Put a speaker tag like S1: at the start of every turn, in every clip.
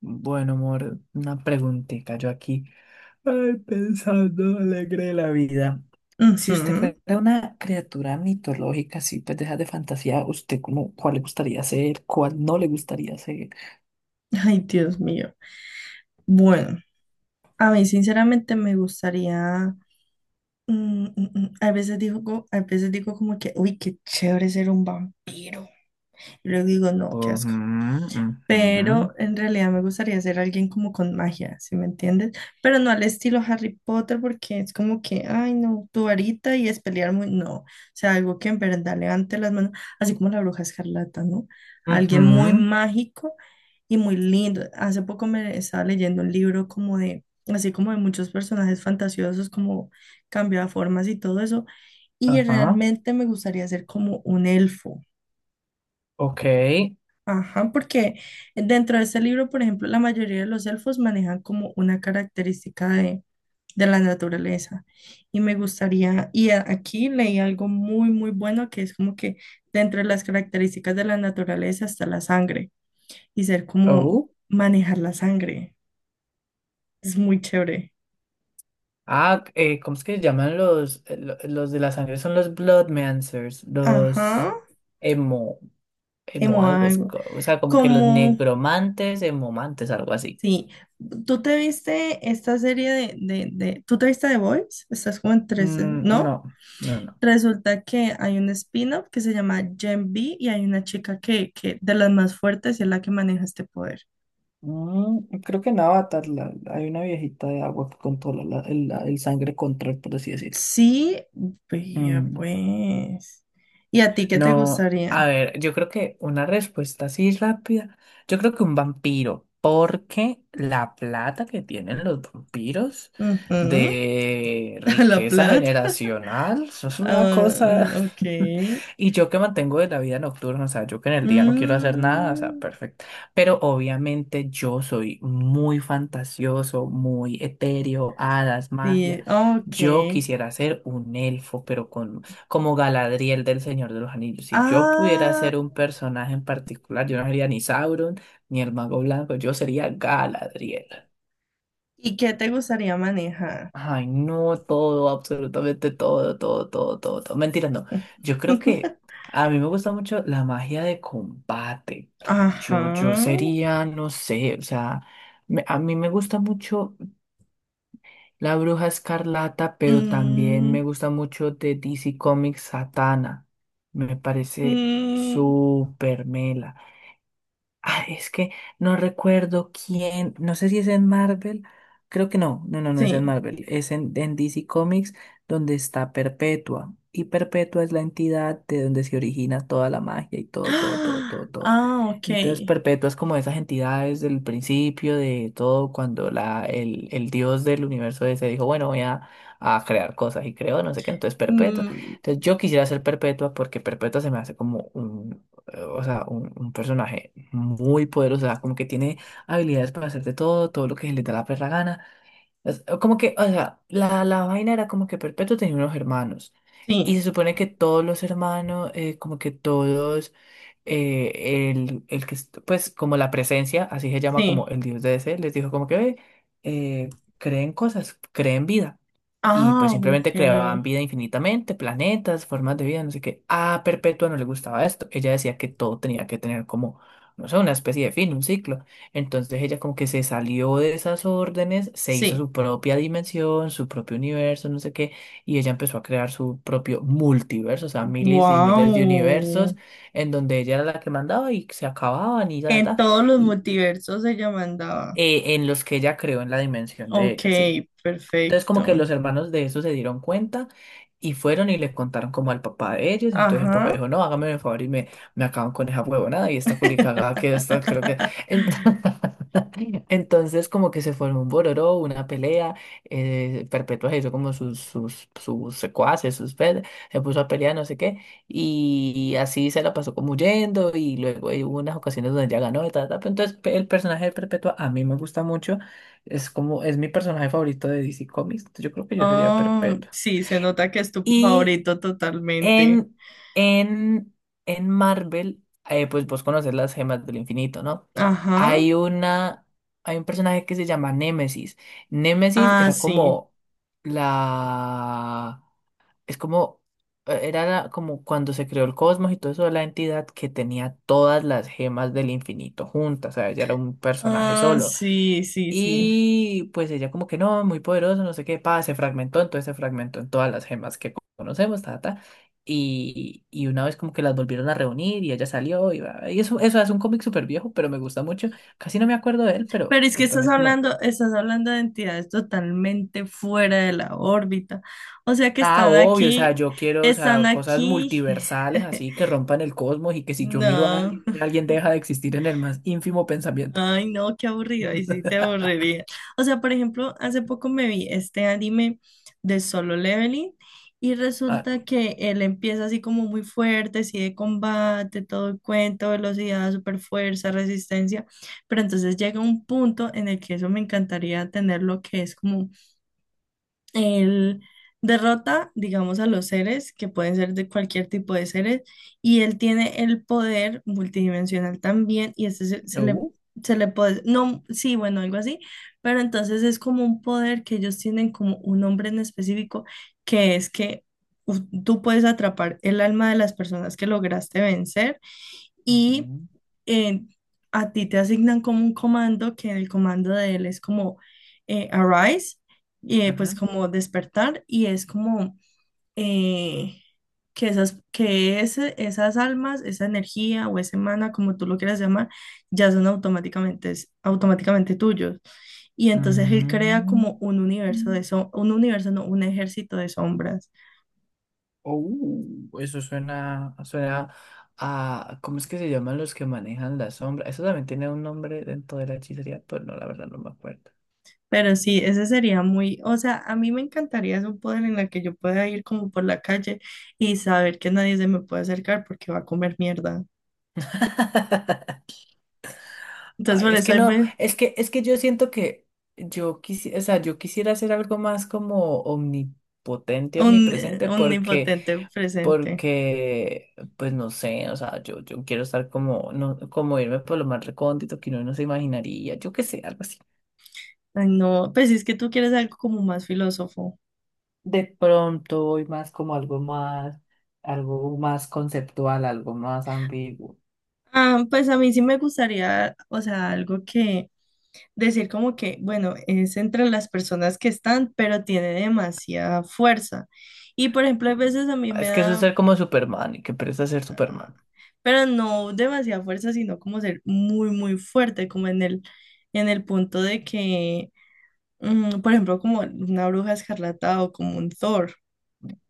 S1: Bueno, amor, una preguntita. Yo aquí, ay, pensando alegre de la vida. Si usted
S2: Ujú.
S1: fuera una criatura mitológica, así, pues deja de fantasía, ¿usted como cuál le gustaría ser? ¿Cuál no le gustaría ser?
S2: Ay, Dios mío. Bueno, a mí sinceramente me gustaría, a veces digo, a veces digo como que, uy, qué chévere ser un vampiro. Y luego digo, no, qué
S1: Ujú,
S2: asco.
S1: ujú,
S2: Pero en realidad me gustaría ser alguien como con magia, ¿sí me entiendes? Pero no al estilo Harry Potter, porque es como que, ay, no, tu varita y es pelear muy, no, o sea, algo que en verdad levante las manos, así como la bruja escarlata, ¿no? Alguien muy
S1: ujú.
S2: mágico y muy lindo. Hace poco me estaba leyendo un libro como de, así como de muchos personajes fantasiosos, como cambio de formas y todo eso, y
S1: Ajá.
S2: realmente me gustaría ser como un elfo.
S1: Ok.
S2: Ajá, porque dentro de ese libro, por ejemplo, la mayoría de los elfos manejan como una característica de la naturaleza. Y me gustaría, y aquí leí algo muy, muy bueno que es como que dentro de las características de la naturaleza está la sangre y ser como
S1: Oh.
S2: manejar la sangre. Es muy chévere.
S1: Ah, ¿cómo es que se llaman los, los de la sangre? Son los Bloodmancers, los
S2: Ajá,
S1: emo. Emo
S2: emo
S1: algo,
S2: algo.
S1: o sea, como que los
S2: Como,
S1: negromantes, emomantes, algo así.
S2: sí, ¿tú te viste esta serie ¿tú te viste The Boys? Estás como en 13, ¿no?
S1: No, no.
S2: Resulta que hay un spin-off que se llama Gen V y hay una chica que de las más fuertes y es la que maneja este poder.
S1: Mm, creo que en Avatar hay una viejita de agua que controla el, el sangre control, por así decirlo.
S2: Sí, vea
S1: Mm.
S2: pues. ¿Y a ti qué te
S1: No, a
S2: gustaría?
S1: ver, yo creo que una respuesta así rápida, yo creo que un vampiro, porque la plata que tienen los vampiros
S2: Ujú,
S1: de
S2: a la
S1: riqueza
S2: plata.
S1: generacional, eso es una
S2: Ah,
S1: cosa.
S2: ok.
S1: Y yo que mantengo de la vida nocturna, o sea, yo que en el día no quiero hacer nada, o sea,
S2: Mm,
S1: perfecto. Pero obviamente yo soy muy fantasioso, muy etéreo, hadas, magia.
S2: sí, ok.
S1: Yo quisiera ser un elfo, pero con como Galadriel del Señor de los Anillos. Si yo pudiera
S2: Ah,
S1: ser un personaje en particular, yo no sería ni Sauron ni el Mago Blanco, yo sería Galadriel.
S2: ¿y qué te gustaría manejar?
S1: Ay, no, todo, absolutamente todo, todo, todo, todo, todo. Mentira, no. Yo creo que a mí me gusta mucho la magia de combate.
S2: Ajá.
S1: Yo sería, no sé, o sea, a mí me gusta mucho. La Bruja Escarlata, pero también me
S2: Mm,
S1: gusta mucho de DC Comics Satana. Me parece
S2: mm,
S1: súper mela. Ah, es que no recuerdo quién, no sé si es en Marvel, creo que no, no es en
S2: sí.
S1: Marvel, en DC Comics donde está Perpetua. Y Perpetua es la entidad de donde se origina toda la magia y todo, todo, todo,
S2: Ah,
S1: todo, todo.
S2: ah, ok.
S1: Entonces Perpetua es como esas entidades del principio de todo, cuando el dios del universo ese dijo, bueno, a crear cosas y creó, no sé qué, entonces Perpetua.
S2: Mm,
S1: Entonces yo quisiera ser Perpetua porque Perpetua se me hace como o sea, un personaje muy poderosa, como que tiene habilidades para hacer de todo, todo lo que se le da la perra gana. Como que, o sea, la vaina era como que Perpetuo tenía unos hermanos. Y
S2: sí,
S1: se supone que todos los hermanos, como que todos el que, pues, como la presencia, así se llama como
S2: sí.
S1: el dios de DC, les dijo como que: "Ve, creen cosas, creen vida". Y pues
S2: Ah, ok.
S1: simplemente creaban vida infinitamente, planetas, formas de vida, no sé qué. A Perpetua no le gustaba esto. Ella decía que todo tenía que tener como, no sé, una especie de fin, un ciclo. Entonces ella como que se salió de esas órdenes, se hizo
S2: Sí.
S1: su propia dimensión, su propio universo, no sé qué. Y ella empezó a crear su propio multiverso, o sea, miles y miles de universos
S2: Wow.
S1: en donde ella era la que mandaba y se acababan y ya,
S2: En
S1: ta,
S2: todos los
S1: y
S2: multiversos ella mandaba.
S1: en los que ella creó en la dimensión de
S2: Ok,
S1: ella, sí. Entonces como que
S2: perfecto.
S1: los hermanos de eso se dieron cuenta y fueron y le contaron como al papá de ellos. Entonces el papá
S2: Ajá.
S1: dijo, no, hágame el favor y me acaban con esa huevonada y esta culicagada que esta creo que... Ent- Entonces como que se formó un bororó, una pelea, Perpetua se hizo como sus secuaces, se puso a pelear no sé qué y así se la pasó como huyendo y luego hubo unas ocasiones donde ella ganó y tal, tal. Pero entonces el personaje de Perpetua a mí me gusta mucho. Es como, es mi personaje favorito de DC Comics. Entonces, yo creo que yo sería
S2: Ah,
S1: Perpetua.
S2: sí, se nota que es tu
S1: Y
S2: favorito totalmente.
S1: en, en, en Marvel, pues vos conoces las gemas del infinito, ¿no?
S2: Ajá.
S1: Hay una, hay un personaje que se llama Némesis. Némesis
S2: Ah,
S1: era
S2: sí.
S1: como la, es como, era como cuando se creó el cosmos y todo eso, la entidad que tenía todas las gemas del infinito juntas, o sea, ella era un personaje
S2: Ah,
S1: solo.
S2: sí, sí, sí.
S1: Y pues ella como que no, muy poderoso, no sé qué, pa, se fragmentó, entonces se fragmentó en todas las gemas que conocemos, ta, ta. Y una vez como que las volvieron a reunir y ella salió y, y eso es un cómic súper viejo, pero me gusta mucho. Casi no me acuerdo de él, pero
S2: Pero es que
S1: es también es como,
S2: estás hablando de entidades totalmente fuera de la órbita. O sea que
S1: ah,
S2: están
S1: obvio, o sea,
S2: aquí,
S1: yo quiero, o
S2: están
S1: sea, cosas
S2: aquí.
S1: multiversales así que rompan el cosmos y que si yo miro a
S2: No,
S1: alguien, alguien deja de existir en el más ínfimo pensamiento.
S2: ay no, qué aburrido, ahí sí te aburriría. O sea, por ejemplo, hace poco me vi este anime de Solo Leveling y
S1: Ah,
S2: resulta que él empieza así como muy fuerte, así de combate, todo el cuento, velocidad, super fuerza, resistencia, pero entonces llega un punto en el que eso me encantaría tener lo que es como él derrota, digamos, a los seres, que pueden ser de cualquier tipo de seres, y él tiene el poder multidimensional también, y este
S1: uh,
S2: se le puede, no, sí, bueno, algo así, pero entonces es como un poder que ellos tienen como un nombre en específico, que es que tú puedes atrapar el alma de las personas que lograste vencer y
S1: ujú,
S2: eh, a ti te asignan como un comando que el comando de él es como arise, pues
S1: ujú.
S2: como despertar y es como eh, que esas, que esas almas, esa energía o ese mana, como tú lo quieras llamar, ya son automáticamente, automáticamente tuyos. Y entonces él crea como un universo de
S1: Mm.
S2: so- un universo, no, un ejército de sombras.
S1: Eso suena, suena a, ¿cómo es que se llaman los que manejan la sombra? Eso también tiene un nombre dentro de la hechicería, pero no, la verdad no me acuerdo.
S2: Pero sí, ese sería muy, o sea, a mí me encantaría es un poder en la que yo pueda ir como por la calle y saber que nadie se me puede acercar porque va a comer mierda. Entonces,
S1: Ay,
S2: por
S1: es
S2: eso
S1: que
S2: hay
S1: no,
S2: ve-
S1: es que yo siento que yo quisiera, o sea, yo quisiera hacer algo más como omnipotente, omnipresente,
S2: un impotente presente.
S1: pues no sé, o sea, yo quiero estar como, no, como irme por lo más recóndito que uno no se imaginaría, yo qué sé, algo así.
S2: Ay, no, pues es que tú quieres algo como más filósofo.
S1: De pronto voy más como algo más conceptual, algo más ambiguo.
S2: Ah, pues a mí sí me gustaría, o sea, algo que decir como que, bueno, es entre las personas que están, pero tiene demasiada fuerza. Y por ejemplo, a veces a mí me
S1: Es que eso es
S2: da
S1: ser como Superman y que presta ser Superman.
S2: pero no demasiada fuerza, sino como ser muy, muy fuerte, como en el punto de que, por ejemplo, como una bruja escarlata o como un Thor.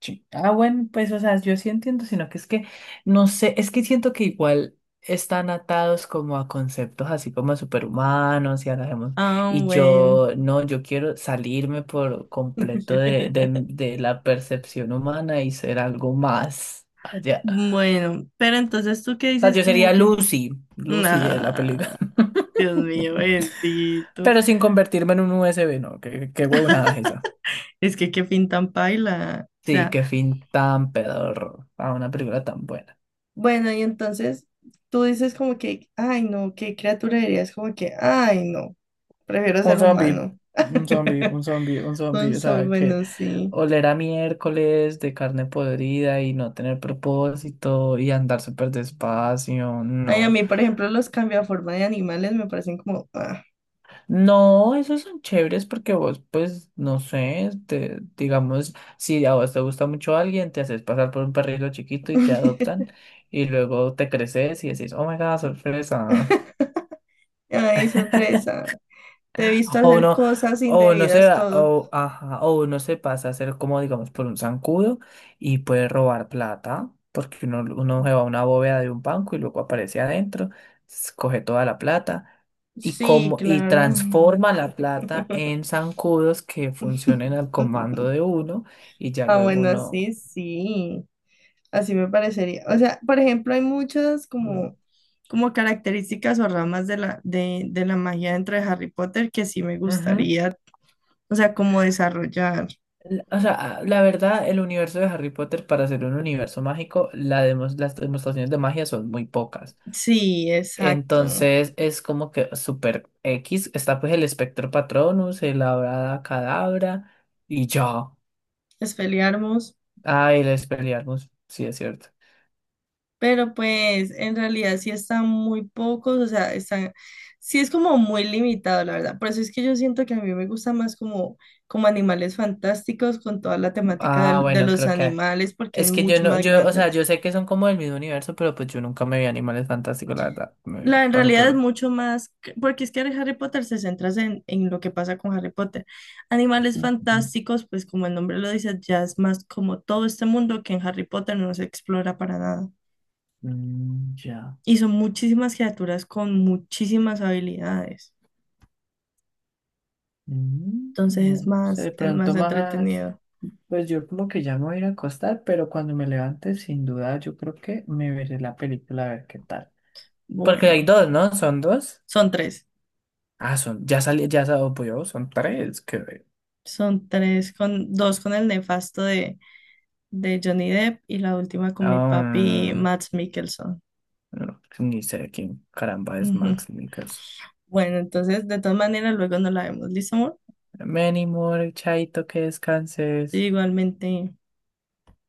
S1: Sí. Ah, bueno, pues, o sea, yo sí entiendo, sino que es que, no sé, es que siento que igual están atados como a conceptos así como superhumanos y hagamos,
S2: Ah,
S1: y
S2: bueno.
S1: yo, no, yo quiero salirme por completo de la percepción humana y ser algo más allá.
S2: Bueno, pero entonces tú qué
S1: O sea,
S2: dices
S1: yo
S2: como
S1: sería
S2: que,
S1: Lucy, Lucy de la película,
S2: nah, Dios mío, bendito,
S1: pero sin convertirme en un USB, ¿no? Qué, qué huevonada es esa.
S2: es que qué pintan paila, o
S1: Sí,
S2: sea,
S1: qué fin tan pedorro a una película tan buena.
S2: bueno, y entonces tú dices como que, ay no, qué criatura dirías como que, ay no, prefiero
S1: Un
S2: ser
S1: zombie,
S2: humano.
S1: un zombie, o
S2: Son, muy
S1: sea, que
S2: buenos, sí.
S1: oler a miércoles de carne podrida y no tener propósito y andar súper despacio,
S2: Ay, a
S1: no.
S2: mí, por ejemplo, los cambia forma de animales me parecen como... ah.
S1: No, esos son chéveres porque vos, pues, no sé, te, digamos, si a vos te gusta mucho alguien, te haces pasar por un perrito chiquito y te adoptan y luego te creces y decís, oh my God, sorpresa.
S2: Ay, sorpresa. Te he visto
S1: O
S2: hacer
S1: no,
S2: cosas
S1: o no se,
S2: indebidas todo.
S1: o, ajá, o uno se pasa a ser como, digamos, por un zancudo y puede robar plata, porque uno se va a una bóveda de un banco y luego aparece adentro, coge toda la plata y,
S2: Sí,
S1: como, y
S2: claro.
S1: transforma la plata en zancudos que funcionen al comando de uno y ya
S2: Ah,
S1: luego
S2: bueno,
S1: uno...
S2: sí, sí. Así me parecería. O sea, por ejemplo, hay muchas
S1: uno-
S2: como, como características o ramas de de la magia dentro de Harry Potter que sí me
S1: Ujú.
S2: gustaría, o sea, como desarrollar.
S1: L- O sea, la verdad, el universo de Harry Potter, para ser un universo mágico, las demostraciones de magia son muy pocas.
S2: Sí, exacto.
S1: Entonces es como que super X, está pues el espectro patronus, el Avada Kedavra y ya.
S2: Es
S1: Ah, y el Expelliarmus, sí es cierto.
S2: pero pues en realidad sí están muy pocos, o sea, están, sí es como muy limitado, la verdad. Por eso es que yo siento que a mí me gusta más como, como animales fantásticos con toda la temática
S1: Ah,
S2: de
S1: bueno,
S2: los
S1: creo que
S2: animales, porque es
S1: es que yo
S2: mucho
S1: no,
S2: más
S1: yo, o
S2: grande.
S1: sea, yo sé que son como del mismo universo, pero pues yo nunca me vi Animales Fantásticos, la verdad, me
S2: La, en
S1: paso por
S2: realidad
S1: el
S2: es
S1: ojo.
S2: mucho más, que- porque es que Harry Potter se centra en lo que pasa con Harry Potter. Animales
S1: Ujú.
S2: fantásticos, pues como el nombre lo dice, ya es más como todo este mundo que en Harry Potter no se explora para nada.
S1: Mm, ya.
S2: Y son muchísimas criaturas con muchísimas habilidades.
S1: Mm,
S2: Entonces
S1: bueno, no sé, de
S2: es más
S1: pronto más,
S2: entretenido.
S1: pues yo como que ya me voy a ir a acostar, pero cuando me levante, sin duda, yo creo que me veré la película a ver qué tal. Porque hay
S2: Bueno,
S1: dos, ¿no? ¿Son dos?
S2: son tres.
S1: Ah, son, ya salió, yo, son tres, creo.
S2: Son tres con dos con el nefasto de Johnny Depp y la última con mi papi
S1: Ah,
S2: Mads Mikkelsen.
S1: no, pues ni sé quién caramba es
S2: Ujú.
S1: Max Mikkelsen.
S2: Bueno, entonces de todas maneras luego nos la vemos. ¿Listo, amor?
S1: Many more, Chaito, que descanses.
S2: Igualmente.